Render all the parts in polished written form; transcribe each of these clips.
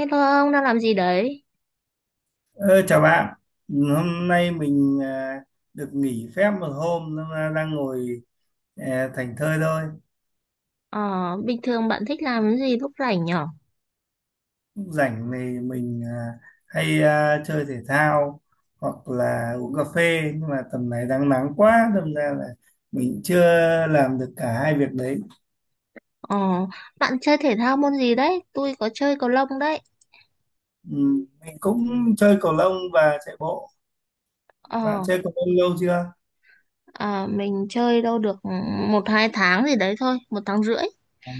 Ê thôi ông đang làm gì đấy? Ờ, chào bạn, hôm nay mình được nghỉ phép một hôm nên là đang ngồi thảnh thơi thôi. Ờ, bình thường bạn thích làm cái gì lúc rảnh nhở? Lúc rảnh thì mình hay chơi thể thao hoặc là uống cà phê, nhưng mà tầm này đang nắng quá đâm ra là mình chưa làm được cả hai việc đấy. Ờ, bạn chơi thể thao môn gì đấy? Tôi có chơi cầu lông đấy. Ừ, mình cũng chơi cầu lông và chạy bộ. Bạn Ờ, chơi cầu lông lâu chưa? Mình chơi đâu được một hai tháng gì đấy thôi, một tháng rưỡi. Ờ,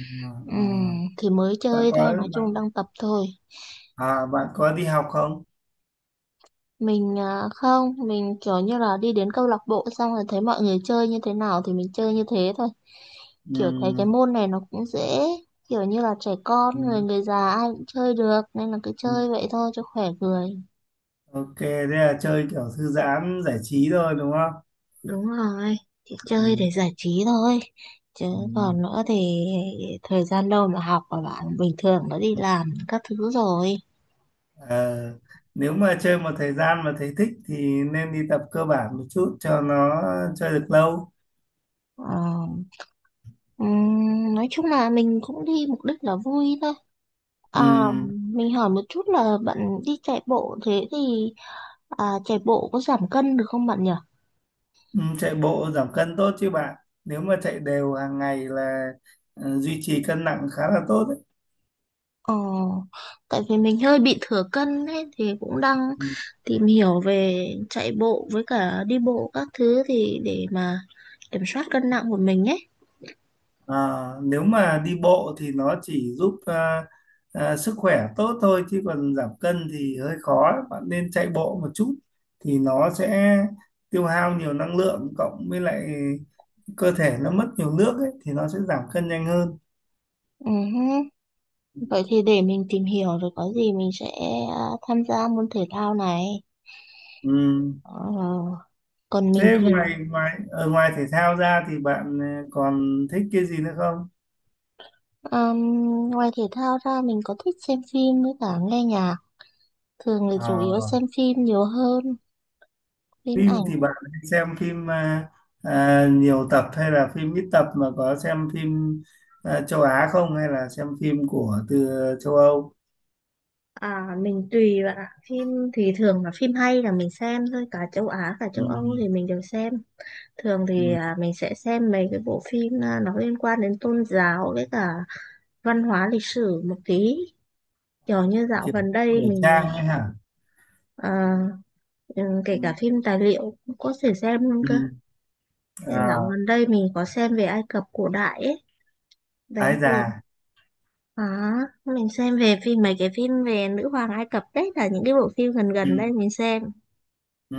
Ừm, ờ. thì mới bạn chơi thôi, có nói chung bạn đang tập thôi. bạn có đi học không? Mình không, mình kiểu như là đi đến câu lạc bộ xong rồi thấy mọi người chơi như thế nào thì mình chơi như thế thôi. Kiểu thấy cái Ừ. môn này nó cũng dễ, kiểu như là trẻ Ừ, con, người người già ai cũng chơi được nên là cứ ừ. chơi vậy thôi cho khỏe người. Ok, thế là chơi kiểu thư giãn giải trí thôi đúng không? Đúng rồi, chị chơi Ừ. để giải trí thôi. Chứ Ừ. còn nữa thì thời gian đâu mà học và bạn bình thường nó đi làm các thứ rồi. Ờ, nếu mà chơi một thời gian mà thấy thích thì nên đi tập cơ bản một chút cho nó chơi được lâu. Ờ, nói chung là mình cũng đi mục đích là vui thôi. Ừ. À, mình hỏi một chút là bạn đi chạy bộ thế thì chạy bộ có giảm cân được không bạn nhỉ? Ừ, chạy bộ giảm cân tốt chứ bạn. Nếu mà chạy đều hàng ngày là duy trì cân nặng khá là tốt đấy. Ờ, tại vì mình hơi bị thừa cân ấy thì cũng đang Ừ. tìm hiểu về chạy bộ với cả đi bộ các thứ thì để mà kiểm soát cân nặng của mình ấy. À, nếu mà đi bộ thì nó chỉ giúp sức khỏe tốt thôi, chứ còn giảm cân thì hơi khó, bạn nên chạy bộ một chút thì nó sẽ tiêu hao nhiều năng lượng, cộng với lại cơ thể nó mất nhiều nước ấy, thì nó sẽ giảm cân nhanh hơn. Ừ hứ, vậy thì để mình tìm hiểu rồi có gì mình sẽ à, tham gia môn thể thao này. Ừ. Ờ, còn mình Thế thì ngoài ngoài ở ngoài thể thao ra thì bạn còn thích cái gì nữa không? um, ngoài thể thao ra mình có thích xem phim với cả nghe nhạc. Thường là chủ yếu À, xem phim nhiều hơn, phim phim thì ảnh. bạn hay xem phim nhiều tập, hay là phim ít tập, mà có xem phim châu Á không, hay là xem phim của từ châu Âu? À, mình tùy bạn ạ. Phim thì thường là phim hay là mình xem thôi, cả châu Á cả Ừ. châu Âu thì mình đều xem. Thường thì Ừ. Mình sẽ xem mấy cái bộ phim nó liên quan đến tôn giáo với cả văn hóa lịch sử một tí. Kiểu như dạo Kiểu gần phim cổ đây mình trang ấy hả? à, ừ, kể cả Ừ. phim tài liệu cũng có thể xem luôn cơ. Ừ. Dạo À, gần đây mình có xem về Ai Cập cổ đại ấy. Đấy ái thì già. à, mình xem về phim mấy cái phim về nữ hoàng Ai Cập đấy là những cái bộ phim gần gần Ừ. đây mình xem. Ừ.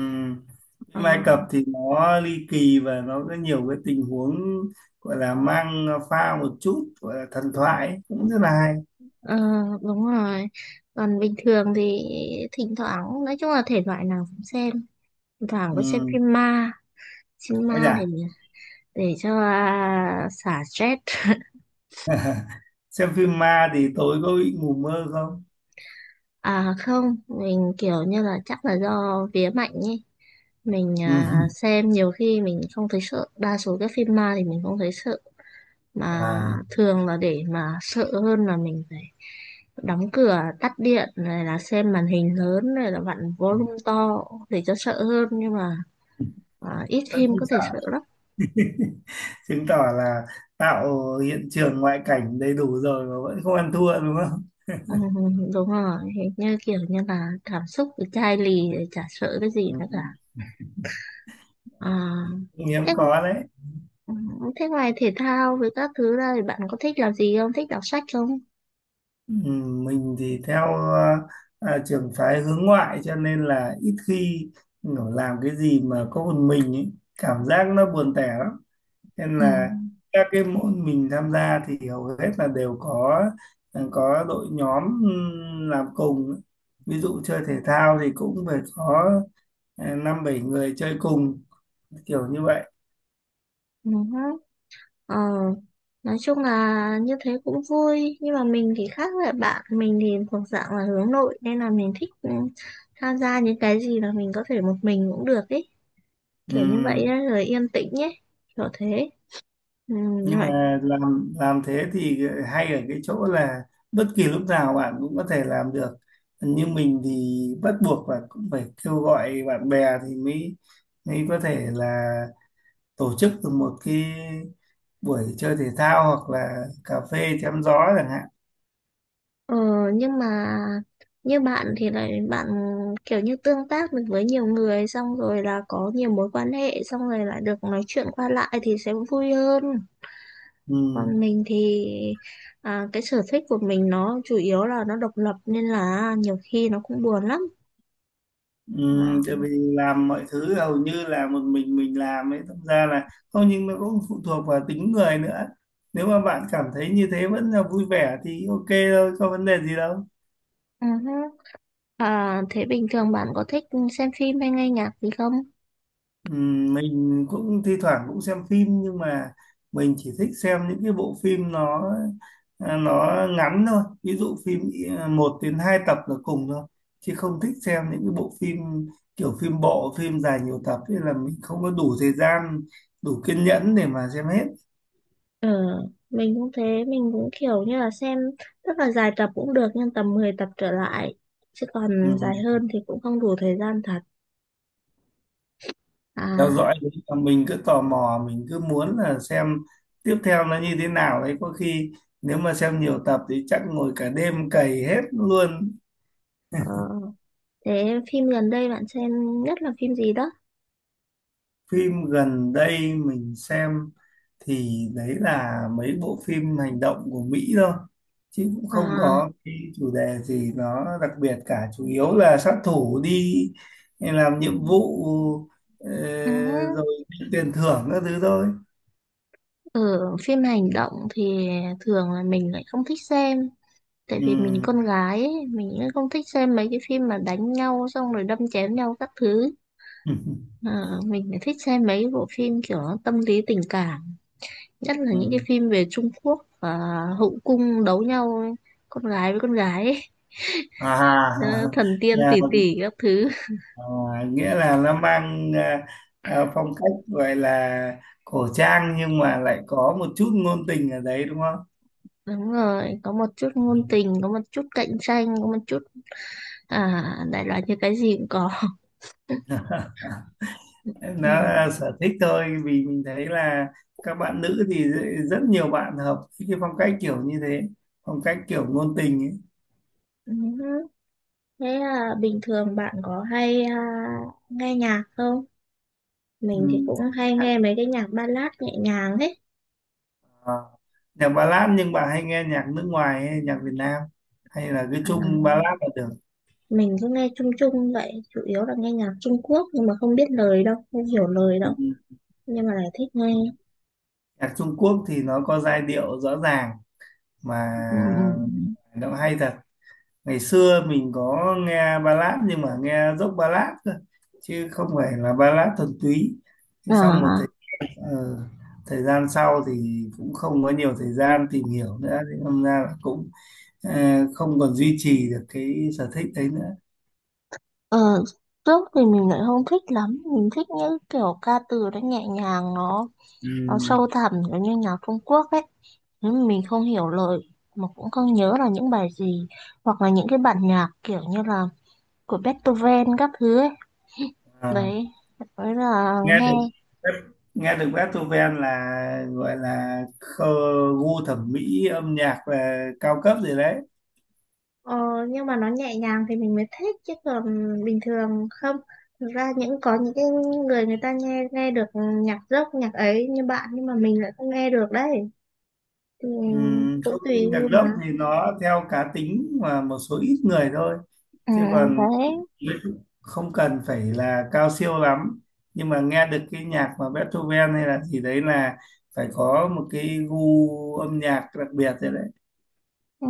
Ờ, Phim Ai Cập thì nó ly kỳ và nó có nhiều cái tình huống, gọi là mang pha một chút gọi là thần thoại ấy, cũng rất là hay. ờ, đúng rồi. Còn bình thường thì thỉnh thoảng, nói chung là thể loại nào cũng xem. Thỉnh thoảng có xem Ừ. Phim Ái ma để già. để cho xả stress. Xem phim ma thì tối có bị ngủ mơ không? À không, mình kiểu như là chắc là do vía mạnh ấy. Mình Ừ. Xem nhiều khi mình không thấy sợ, đa số các phim ma thì mình không thấy sợ. Mà Và thường là để mà sợ hơn là mình phải đóng cửa, tắt điện, này là xem màn hình lớn, này là vặn volume to để cho sợ hơn. Nhưng mà ít vẫn phim không có thể sợ. sợ lắm. Chứng tỏ là tạo hiện trường ngoại cảnh đầy đủ rồi mà vẫn không ăn thua đúng không. Ừ, đúng rồi, hình như kiểu như là cảm xúc với chai lì thì chả sợ cái gì nữa cả. Ừ. À, Hiếm thế, có đấy. ừ, thế ngoài thể thao với các thứ ra thì bạn có thích làm gì không? Thích đọc sách không? Ừ. Mình thì theo trường phái hướng ngoại, cho nên là ít khi kiểu làm cái gì mà có một mình ấy. Cảm giác nó buồn tẻ lắm, nên Ừ. là các cái môn mình tham gia thì hầu hết là đều có có đội nhóm làm cùng, ví dụ chơi thể thao thì cũng phải có năm bảy người chơi cùng, kiểu như vậy. Ừ. Ờ. Nói chung là như thế cũng vui nhưng mà mình thì khác với bạn, mình thì thuộc dạng là hướng nội nên là mình thích tham gia những cái gì mà mình có thể một mình cũng được ấy, kiểu như vậy Ừm, ấy, rồi yên tĩnh ấy, kiểu thế ừ. nhưng mà làm thế thì hay ở cái chỗ là bất kỳ lúc nào bạn cũng có thể làm được, như mình thì bắt buộc là cũng phải kêu gọi bạn bè thì mới mới có thể là tổ chức được một cái buổi chơi thể thao hoặc là cà phê chém gió chẳng hạn. Ờ, nhưng mà như bạn thì lại bạn kiểu như tương tác được với nhiều người xong rồi là có nhiều mối quan hệ xong rồi lại được nói chuyện qua lại thì sẽ vui hơn. Còn Ừm. mình thì cái sở thích của mình nó chủ yếu là nó độc lập nên là nhiều khi nó cũng buồn lắm. Ừ, À, tại vì làm mọi thứ hầu như là một mình làm ấy, thực ra là không, nhưng nó cũng phụ thuộc vào tính người nữa, nếu mà bạn cảm thấy như thế vẫn là vui vẻ thì ok thôi, có vấn đề gì đâu. ừ hứ. À, thế bình thường bạn có thích xem phim hay nghe nhạc gì không? Ừ, mình cũng thi thoảng cũng xem phim, nhưng mà mình chỉ thích xem những cái bộ phim nó nó ngắn thôi, ví dụ phim một đến hai tập là cùng thôi, chứ không thích xem những cái bộ phim kiểu phim bộ, phim dài nhiều tập ấy, là mình không có đủ thời gian, đủ kiên nhẫn để mà xem hết. Ờ, mình cũng thế, mình cũng kiểu như là xem rất là dài tập cũng được nhưng tầm 10 tập trở lại chứ còn Ừ. dài hơn thì cũng không đủ thời gian thật. Theo dõi À, đấy là mình cứ tò mò, mình cứ muốn là xem tiếp theo nó như thế nào đấy, có khi nếu mà xem nhiều tập thì chắc ngồi cả đêm cày hết luôn. ờ, thế phim gần đây bạn xem nhất là phim gì đó? Phim gần đây mình xem thì đấy là mấy bộ phim hành động của Mỹ thôi, chứ cũng không À, có cái chủ đề gì nó đặc biệt cả, chủ yếu là sát thủ đi làm nhiệm vụ ờ, ừ, rồi tiền thưởng các thứ thôi. ở phim hành động thì thường là mình lại không thích xem, tại Ừ. vì mình con gái ấy, mình cũng không thích xem mấy cái phim mà đánh nhau xong rồi đâm chém nhau các thứ. Ờ, mình lại thích xem mấy cái bộ phim kiểu tâm lý tình cảm, nhất là những cái Ừ. phim về Trung Quốc và hậu cung đấu nhau ấy. Con gái với con gái ấy. Ờ, À, thần tiên tỷ nhà- tỷ các thứ, à, nghĩa là nó mang phong cách gọi là cổ trang, nhưng mà lại có một chút ngôn tình ở đấy đúng không? đúng rồi, có một chút ngôn tình, có một chút cạnh tranh, có một chút đại loại như cái gì cũng có, Nó ừ. là sở thích thôi, vì mình thấy là các bạn nữ thì rất rất nhiều bạn hợp với cái phong cách kiểu như thế, phong cách kiểu ngôn tình ấy. Ừ. Thế là bình thường bạn có hay nghe nhạc không? Mình thì Ừ. cũng hay nghe mấy cái nhạc ballad nhẹ nhàng ấy. À, nhạc ballad, nhưng bà hay nghe nhạc nước ngoài hay nhạc Việt Nam, hay là cứ À, chung ballad là được? mình cứ nghe chung chung vậy, chủ yếu là nghe nhạc Trung Quốc nhưng mà không biết lời đâu, không hiểu lời đâu. Ừ. Nhưng mà lại thích nghe. Nhạc Trung Quốc thì nó có giai điệu rõ ràng mà Ừ. Ừ. nó hay thật. Ngày xưa mình có nghe ballad, nhưng mà nghe dốc ballad cơ, chứ không phải là ballad thuần túy. Thế xong À, ờ, thời gian sau thì cũng không có nhiều thời gian tìm hiểu nữa, thì tham ra là cũng ờ, không còn duy trì được cái sở thích đấy nữa. ờ, trước thì mình lại không thích lắm, mình thích những kiểu ca từ nó nhẹ nhàng, nó Ừm, sâu thẳm giống như nhạc Trung Quốc ấy, nhưng mà mình không hiểu lời mà cũng không nhớ là những bài gì, hoặc là những cái bản nhạc kiểu như là của Beethoven các thứ ấy, à, đấy, đấy là nghe nghe. được nghe được Beethoven là gọi là gu thẩm mỹ âm nhạc là cao cấp rồi đấy. Ờ, nhưng mà nó nhẹ nhàng thì mình mới thích, chứ còn bình thường không. Thực ra những có những cái người người ta nghe nghe được nhạc rock, nhạc ấy như bạn, nhưng mà mình lại không nghe được đấy, thì cũng Không, tùy nhưng nhạc gu mà. gốc thì nó theo cá tính và một số ít người thôi, À, chứ còn đấy. không cần phải là cao siêu lắm, nhưng mà nghe được cái nhạc mà Beethoven hay là gì đấy là phải có một cái gu âm nhạc đặc biệt thế đấy. Ừ.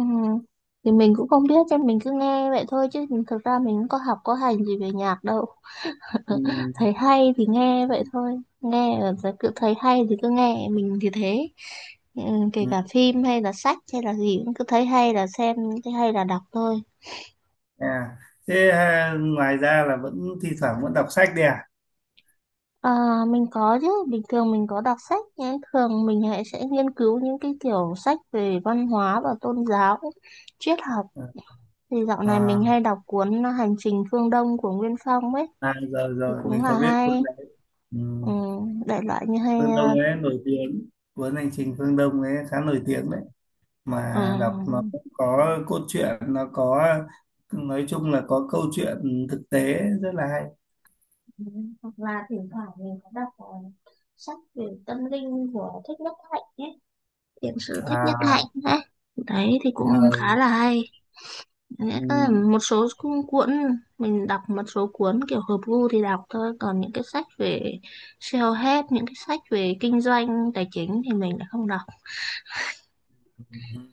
Thì mình cũng không biết, cho mình cứ nghe vậy thôi, chứ thực ra mình cũng có học có hành gì về nhạc đâu. Ừm, Thấy hay thì nghe vậy thôi. Nghe là sẽ cứ thấy hay thì cứ nghe, mình thì thế. Ừ, kể ừm, cả phim hay là sách hay là gì cũng cứ thấy hay là xem, thấy hay là đọc thôi. à. Thế, ngoài ra là vẫn thi thoảng vẫn đọc sách đấy à? Ờ, mình có chứ, bình thường mình có đọc sách, nhưng thường mình hãy sẽ nghiên cứu những cái kiểu sách về văn hóa và tôn giáo, triết học. Thì dạo này mình à, hay đọc cuốn Hành trình Phương Đông của Nguyên Phong ấy, à rồi thì rồi mình cũng có là biết cuốn hay, đấy. ừ, Ừm, đại loại như hay, Phương Đông ấy nổi tiếng, cuốn Hành trình Phương Đông ấy khá nổi tiếng đấy, mà đọc nó ờ, cũng có cốt truyện, nó có, nói chung là có câu chuyện thực tế, rất là hay. ừ, hoặc là thỉnh thoảng mình có đọc sách về tâm linh của Thích Nhất Hạnh ấy, thiện sự Thích Nhất Hạnh à, ấy. Đấy thì cũng khá ờ, là hay. Nghĩa là ừm, một số cuốn, mình đọc một số cuốn kiểu hợp gu thì đọc thôi, còn những cái sách về self-help, những cái sách về kinh doanh tài chính thì mình lại không đọc.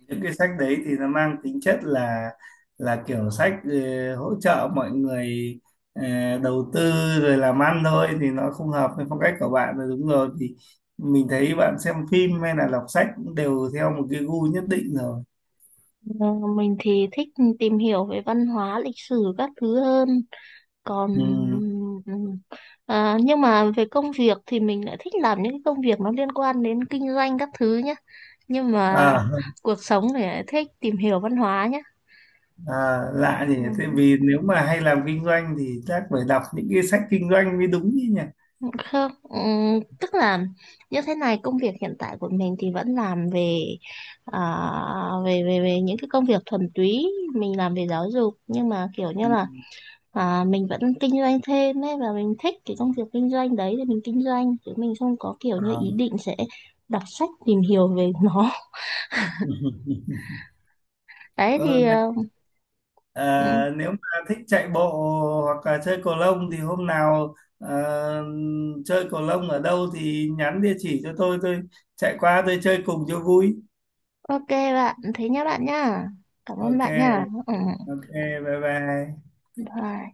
những cái sách đấy thì nó mang tính chất là kiểu sách hỗ trợ mọi người ờ, đầu tư rồi làm ăn thôi, thì nó không hợp với phong cách của bạn rồi, đúng rồi, thì mình thấy bạn xem phim hay là đọc sách cũng đều theo một cái gu nhất định rồi. Ờ, mình thì thích tìm hiểu về văn hóa lịch sử các thứ hơn, còn Ừ. ừm, nhưng mà về công việc thì mình lại thích làm những cái công việc nó liên quan đến kinh doanh các thứ nhé, nhưng mà À, cuộc sống thì lại thích tìm hiểu văn hóa nhé. À, lạ Ừ, gì nhỉ, thế vì nếu mà hay làm kinh doanh thì chắc phải đọc những cái sách kinh doanh mới đúng chứ nhỉ. không, tức là như thế này, công việc hiện tại của mình thì vẫn làm về à, về về về những cái công việc thuần túy, mình làm về giáo dục nhưng mà kiểu Ừ. như là mình vẫn kinh doanh thêm ấy, và mình thích cái công việc kinh doanh đấy thì mình kinh doanh, chứ mình không có kiểu như ý À. định sẽ đọc sách tìm hiểu về nó. Đấy Ờ, thì Này, ừm, nếu mà thích chạy bộ hoặc là chơi cầu lông thì hôm nào chơi cầu lông ở đâu thì nhắn địa chỉ cho tôi chạy qua tôi chơi cùng cho vui. ok bạn, thế nhá bạn nhá, cảm ơn Ok, bạn nhá. Ừ. ok, bye bye. Bye.